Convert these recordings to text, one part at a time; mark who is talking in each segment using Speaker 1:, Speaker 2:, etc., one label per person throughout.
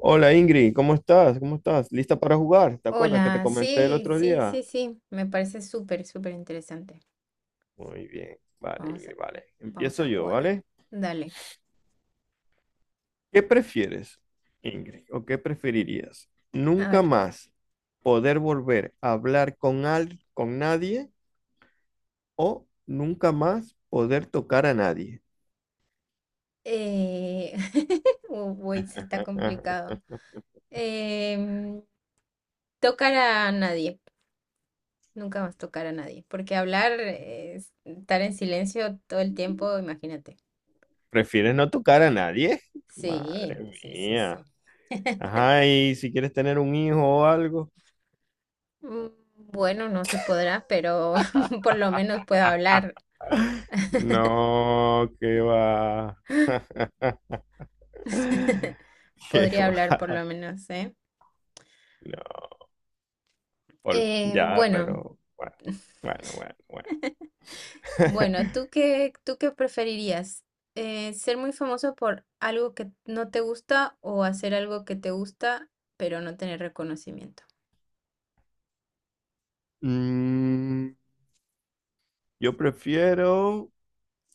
Speaker 1: Hola Ingrid, ¿cómo estás? ¿Cómo estás? ¿Lista para jugar? ¿Te acuerdas que te
Speaker 2: Hola,
Speaker 1: comenté el
Speaker 2: sí,
Speaker 1: otro
Speaker 2: sí,
Speaker 1: día?
Speaker 2: sí, sí, me parece súper, súper interesante.
Speaker 1: Muy bien, vale
Speaker 2: Vamos a,
Speaker 1: Ingrid, vale.
Speaker 2: vamos
Speaker 1: Empiezo
Speaker 2: a
Speaker 1: yo,
Speaker 2: jugar.
Speaker 1: ¿vale?
Speaker 2: Dale,
Speaker 1: ¿Qué prefieres, Ingrid? ¿O qué preferirías?
Speaker 2: a
Speaker 1: ¿Nunca
Speaker 2: ver.
Speaker 1: más poder volver a hablar con, con nadie o nunca más poder tocar a nadie?
Speaker 2: Eh... Uy, se está complicado. Em, tocar a nadie, nunca más tocar a nadie, porque hablar, es estar en silencio todo el tiempo, imagínate.
Speaker 1: ¿Prefieres no tocar a nadie? Madre
Speaker 2: Sí, sí, sí,
Speaker 1: mía.
Speaker 2: sí.
Speaker 1: Ajá, y si quieres tener un hijo o algo.
Speaker 2: Mm, Bueno, no se podrá, pero por lo menos puedo hablar.
Speaker 1: No, qué va. Qué
Speaker 2: Podría hablar
Speaker 1: va-
Speaker 2: por lo menos, ¿eh?
Speaker 1: No, ya,
Speaker 2: Bueno,
Speaker 1: pero bueno.
Speaker 2: bueno, ¿tú qué, tú qué preferirías? ¿Ser muy famoso por algo que no te gusta o hacer algo que te gusta pero no tener reconocimiento?
Speaker 1: Mm, yo prefiero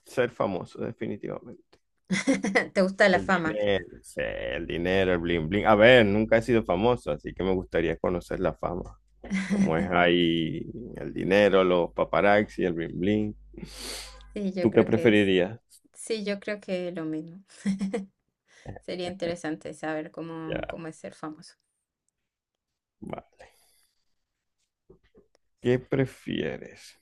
Speaker 1: ser famoso, definitivamente.
Speaker 2: ¿Te gusta la
Speaker 1: El
Speaker 2: fama?
Speaker 1: dinero, sí, el dinero, el bling bling. A ver, nunca he sido famoso, así que me gustaría conocer la fama. Cómo es ahí el dinero, los paparazzi, el bling bling.
Speaker 2: Sí, yo
Speaker 1: ¿Tú qué
Speaker 2: creo que es.
Speaker 1: preferirías?
Speaker 2: Sí, yo creo que lo mismo. Sería interesante saber cómo,
Speaker 1: Ya,
Speaker 2: cómo es ser famoso.
Speaker 1: vale. ¿Qué prefieres?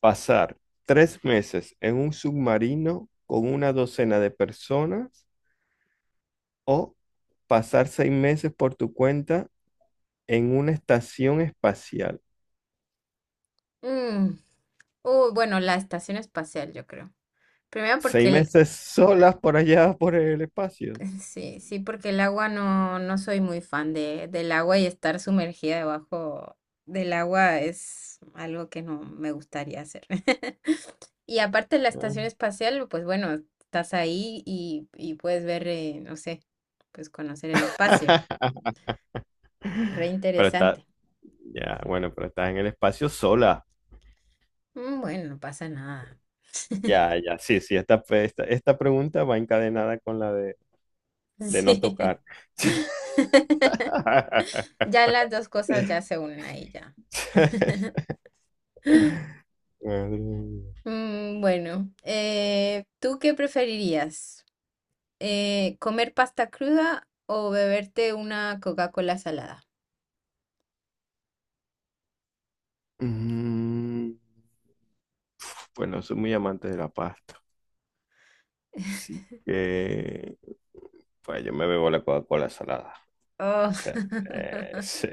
Speaker 1: Pasar tres meses en un submarino con una docena de personas, o pasar seis meses por tu cuenta en una estación espacial.
Speaker 2: Mm, bueno, la estación espacial, yo creo. Primero porque
Speaker 1: Seis
Speaker 2: el-
Speaker 1: meses solas por allá por el espacio.
Speaker 2: Sí, sí, porque el agua no soy muy fan del agua y estar sumergida debajo del agua es algo que no me gustaría hacer. Y aparte la
Speaker 1: Ah.
Speaker 2: estación espacial, pues bueno, estás ahí y puedes ver, no sé, pues conocer el espacio. Re
Speaker 1: Pero está,
Speaker 2: interesante.
Speaker 1: ya, bueno, pero estás en el espacio sola.
Speaker 2: Bueno, no pasa nada.
Speaker 1: Ya, ya, sí, sí, esta pregunta va encadenada con la de no
Speaker 2: Sí.
Speaker 1: tocar.
Speaker 2: Ya las dos cosas
Speaker 1: Madre
Speaker 2: ya se unen ahí ya.
Speaker 1: mía.
Speaker 2: Bueno, ¿tú qué preferirías? ¿Comer pasta cruda o beberte una Coca-Cola salada?
Speaker 1: Mm, Bueno, soy muy amante de la pasta. Así que, pues yo me bebo la Coca-Cola salada.
Speaker 2: Oh.
Speaker 1: O sea, sí.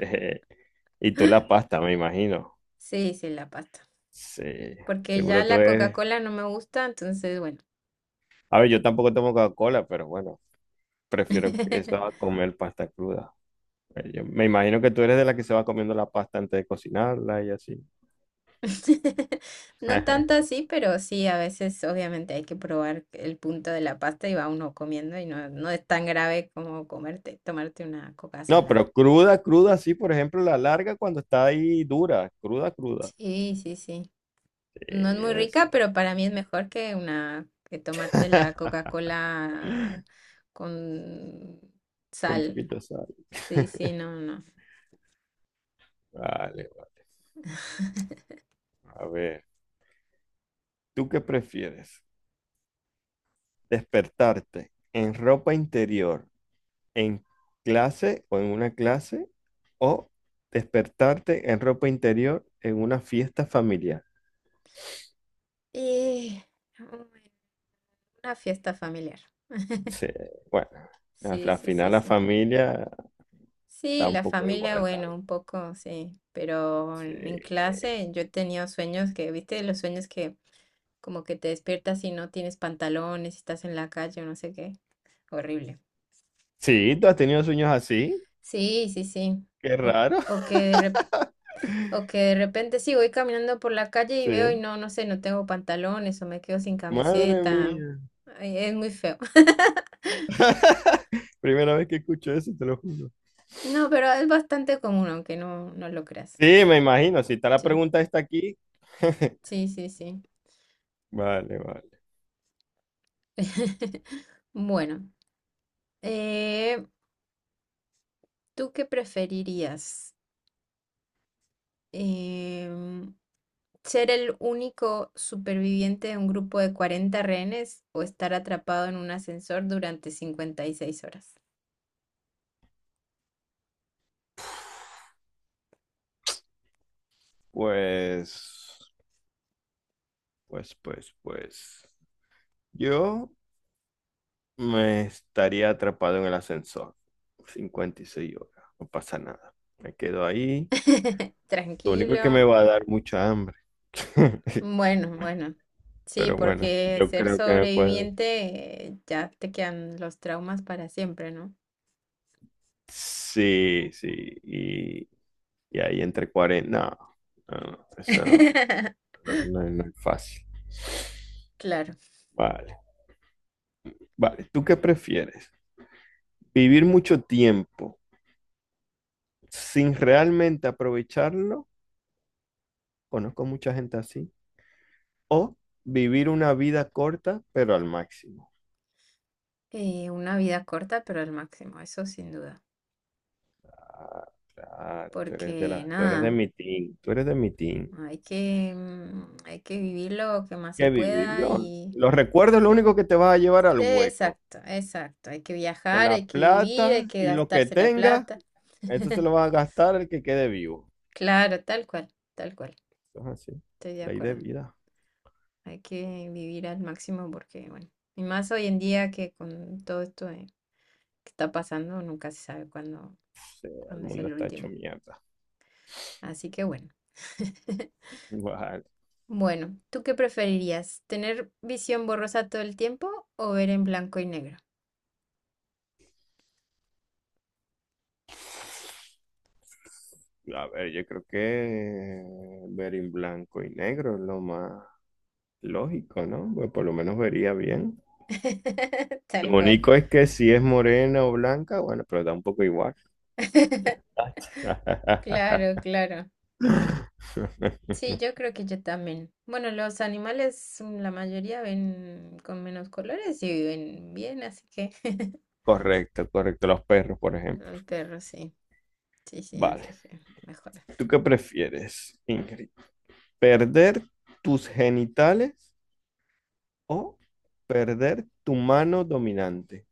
Speaker 1: Y tú la pasta, me imagino.
Speaker 2: Sí, sí, la pasta.
Speaker 1: Sí,
Speaker 2: Porque ya
Speaker 1: seguro tú
Speaker 2: la
Speaker 1: eres.
Speaker 2: Coca-Cola no me gusta, entonces, bueno.
Speaker 1: A ver, yo tampoco tomo Coca-Cola, pero bueno, prefiero eso a comer pasta cruda. Yo me imagino que tú eres de la que se va comiendo la pasta antes de cocinarla y así.
Speaker 2: No tanto así, pero sí, a veces obviamente hay que probar el punto de la pasta y va uno comiendo y no es tan grave como comerte, tomarte una coca
Speaker 1: No,
Speaker 2: salada.
Speaker 1: pero cruda, cruda, sí, por ejemplo, la larga cuando está ahí dura, cruda, cruda.
Speaker 2: Sí, sí, sí.
Speaker 1: Sí,
Speaker 2: No es muy
Speaker 1: esa.
Speaker 2: rica, pero para mí es mejor que que tomarte la Coca-Cola con
Speaker 1: Con un
Speaker 2: sal.
Speaker 1: poquito de sal.
Speaker 2: Sí, sí, no, no.
Speaker 1: Vale, vale. A ver, ¿tú qué prefieres? ¿Despertarte en ropa interior, en clase o en una clase? ¿O despertarte en ropa interior en una fiesta familiar?
Speaker 2: Y bueno, una fiesta familiar.
Speaker 1: Sí, bueno,
Speaker 2: Sí,
Speaker 1: al
Speaker 2: sí, sí,
Speaker 1: final la
Speaker 2: sí.
Speaker 1: familia
Speaker 2: Sí,
Speaker 1: da un
Speaker 2: la
Speaker 1: poco
Speaker 2: familia,
Speaker 1: igual
Speaker 2: bueno,
Speaker 1: también.
Speaker 2: un poco, sí. Pero
Speaker 1: Sí.
Speaker 2: en clase yo he tenido sueños que, viste, los sueños que como que te despiertas y no tienes pantalones, estás en la calle o no sé qué. Horrible.
Speaker 1: Sí, tú has tenido sueños así.
Speaker 2: Sí, sí, sí.
Speaker 1: Qué
Speaker 2: O,
Speaker 1: raro.
Speaker 2: o que de O que de repente sí voy caminando por la calle y veo y
Speaker 1: Sí.
Speaker 2: no sé, no tengo pantalones o me quedo sin
Speaker 1: Madre
Speaker 2: camiseta.
Speaker 1: mía.
Speaker 2: Ay, es muy feo.
Speaker 1: Primera vez que escucho eso, te lo juro.
Speaker 2: No, pero es bastante común, aunque no lo creas.
Speaker 1: Sí, me imagino. Si está la
Speaker 2: Sí,
Speaker 1: pregunta está aquí.
Speaker 2: sí, sí, sí.
Speaker 1: Vale, vale.
Speaker 2: Bueno, eh, ¿tú qué preferirías? Em, ¿ser el único superviviente de un grupo de 40 rehenes o estar atrapado en un ascensor durante 56 horas?
Speaker 1: Pues, pues. Yo me estaría atrapado en el ascensor. 56 horas. No pasa nada. Me quedo ahí. Lo único es que me
Speaker 2: Tranquilo.
Speaker 1: va a dar mucha hambre.
Speaker 2: Bueno, bueno, sí,
Speaker 1: Pero bueno,
Speaker 2: porque
Speaker 1: yo
Speaker 2: ser
Speaker 1: creo que me puedo.
Speaker 2: sobreviviente, ya te quedan los traumas para siempre, ¿no?
Speaker 1: Sí, sí. Y, y ahí entre 40. No, eso No es fácil.
Speaker 2: Claro,
Speaker 1: Vale, vale. ¿Tú qué prefieres? ¿Vivir mucho tiempo sin realmente aprovecharlo? Conozco mucha gente así. ¿O vivir una vida corta, pero al máximo?
Speaker 2: una vida corta, pero al máximo, eso sin duda,
Speaker 1: Ah, claro,
Speaker 2: porque
Speaker 1: tú eres de
Speaker 2: nada,
Speaker 1: mi team, tú eres de mi team.
Speaker 2: hay que vivir lo que más se
Speaker 1: ¿Qué
Speaker 2: pueda
Speaker 1: vivirlo?
Speaker 2: y...
Speaker 1: Los recuerdos es lo único que te vas a llevar al
Speaker 2: Sí,
Speaker 1: hueco.
Speaker 2: exacto, exacto, hay que
Speaker 1: Que
Speaker 2: viajar,
Speaker 1: la
Speaker 2: hay que vivir, hay
Speaker 1: plata
Speaker 2: que
Speaker 1: y lo que
Speaker 2: gastarse la
Speaker 1: tengas,
Speaker 2: plata.
Speaker 1: eso se lo va a gastar el que quede vivo.
Speaker 2: Claro, tal cual,
Speaker 1: Eso es así,
Speaker 2: estoy de
Speaker 1: ley de
Speaker 2: acuerdo.
Speaker 1: vida.
Speaker 2: Hay que vivir al máximo porque, bueno, y más hoy en día que con todo esto que está pasando, nunca se sabe cuándo,
Speaker 1: Sí, el
Speaker 2: cuándo es
Speaker 1: mundo
Speaker 2: el
Speaker 1: está hecho
Speaker 2: último.
Speaker 1: mierda.
Speaker 2: Así que bueno.
Speaker 1: Vale.
Speaker 2: Bueno, ¿tú qué preferirías? ¿Tener visión borrosa todo el tiempo o ver en blanco y negro?
Speaker 1: A ver, yo creo que ver en blanco y negro es lo más lógico, ¿no? Pues por lo menos vería bien.
Speaker 2: Tal
Speaker 1: Lo
Speaker 2: cual.
Speaker 1: único es que si es morena o blanca, bueno, pero da un poco igual.
Speaker 2: Claro, claro. Sí, yo creo que yo también. Bueno, los animales, la mayoría ven con menos colores y viven bien, así que
Speaker 1: Correcto, correcto. Los perros, por ejemplo.
Speaker 2: el perro sí. Sí, sí,
Speaker 1: Vale.
Speaker 2: así que mejor.
Speaker 1: ¿Tú qué prefieres, Ingrid? ¿Perder tus genitales o perder tu mano dominante?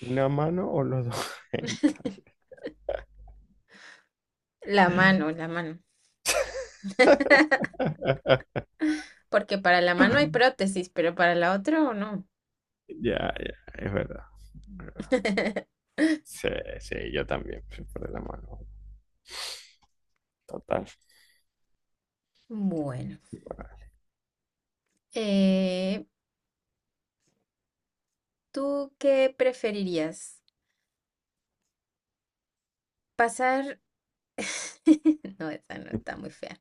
Speaker 1: ¿Una mano o los dos genitales?
Speaker 2: La mano, la mano. Porque para la mano hay prótesis, pero para la otra no.
Speaker 1: Ya, ya, es verdad. Sí, sí, yo también, sí, por la mano. Total.
Speaker 2: Bueno, eh, ¿tú qué preferirías? Pasar... No, esa no está muy fea.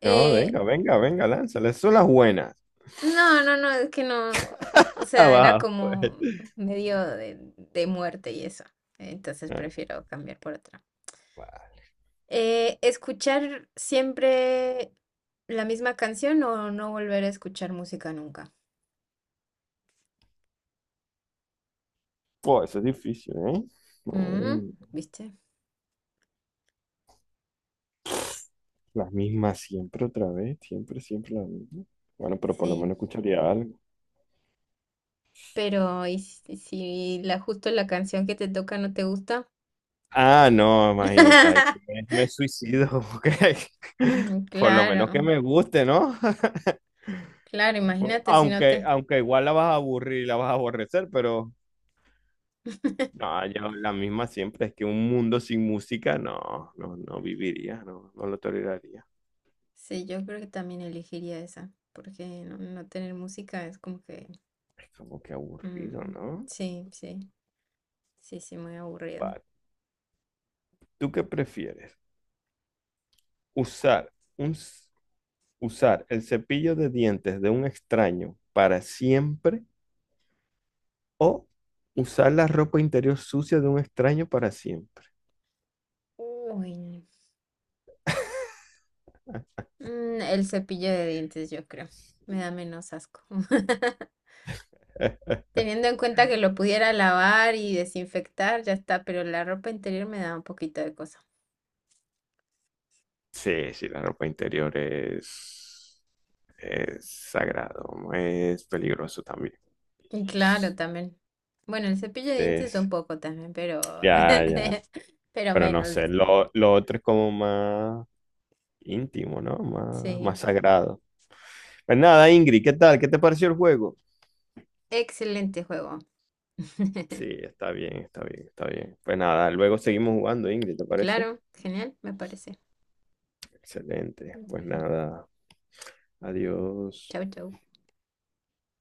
Speaker 1: No,
Speaker 2: Eh,
Speaker 1: venga, venga, venga, lánzale. Son las buenas.
Speaker 2: no, no, no, es que no. O
Speaker 1: Ah,
Speaker 2: sea, era
Speaker 1: va,
Speaker 2: como
Speaker 1: pues.
Speaker 2: medio de muerte y eso. Entonces
Speaker 1: Ah,
Speaker 2: prefiero cambiar por otra.
Speaker 1: va.
Speaker 2: ¿Escuchar siempre la misma canción o no volver a escuchar música nunca?
Speaker 1: Pues, eso es difícil, ¿eh? Madre
Speaker 2: Mm,
Speaker 1: mía.
Speaker 2: ¿Viste?
Speaker 1: Las mismas siempre otra vez, siempre, siempre las mismas. Bueno, pero por lo
Speaker 2: Sí.
Speaker 1: menos escucharía algo.
Speaker 2: Pero, ¿y si la justo la canción que te toca no te gusta?
Speaker 1: Ah, no, imagínate, ahí sí me suicido, porque
Speaker 2: Ujú,
Speaker 1: por lo menos que
Speaker 2: Claro,
Speaker 1: me guste, ¿no?
Speaker 2: claro,
Speaker 1: Pues,
Speaker 2: imagínate si no
Speaker 1: aunque,
Speaker 2: te...
Speaker 1: aunque igual la vas a aburrir y la vas a aborrecer, pero no, yo la misma siempre. Es que un mundo sin música, no viviría, no lo toleraría.
Speaker 2: Sí, yo creo que también elegiría esa, porque no tener música es como que...
Speaker 1: Es como que aburrido,
Speaker 2: Mm,
Speaker 1: ¿no?
Speaker 2: sí, sí, sí, sí, muy aburrido.
Speaker 1: Vale. ¿Tú qué prefieres? ¿Usar un, s- usar el cepillo de dientes de un extraño para siempre o usar la ropa interior sucia de un extraño para siempre?
Speaker 2: Uy, el cepillo de dientes, yo creo. Me da menos asco. Teniendo en cuenta que lo pudiera lavar y desinfectar, ya está, pero la ropa interior me da un poquito de cosa.
Speaker 1: Sí, sí, la ropa interior es sagrado, ¿no? Es peligroso también.
Speaker 2: Y claro, también. Bueno, el cepillo de dientes un
Speaker 1: Entonces,
Speaker 2: poco también, pero
Speaker 1: ya, ya,
Speaker 2: pero
Speaker 1: pero no
Speaker 2: menos.
Speaker 1: sé, lo otro es como más íntimo, ¿no? Más,
Speaker 2: Sí.
Speaker 1: más sagrado. Pues nada, Ingrid, ¿qué tal? ¿Qué te pareció el juego?
Speaker 2: Excelente juego.
Speaker 1: Sí, está bien, está bien, está bien. Pues nada, luego seguimos jugando, Ingrid, ¿te parece?
Speaker 2: Claro, genial, me parece.
Speaker 1: Excelente. Pues
Speaker 2: Bueno,
Speaker 1: nada, adiós.
Speaker 2: chau, chau.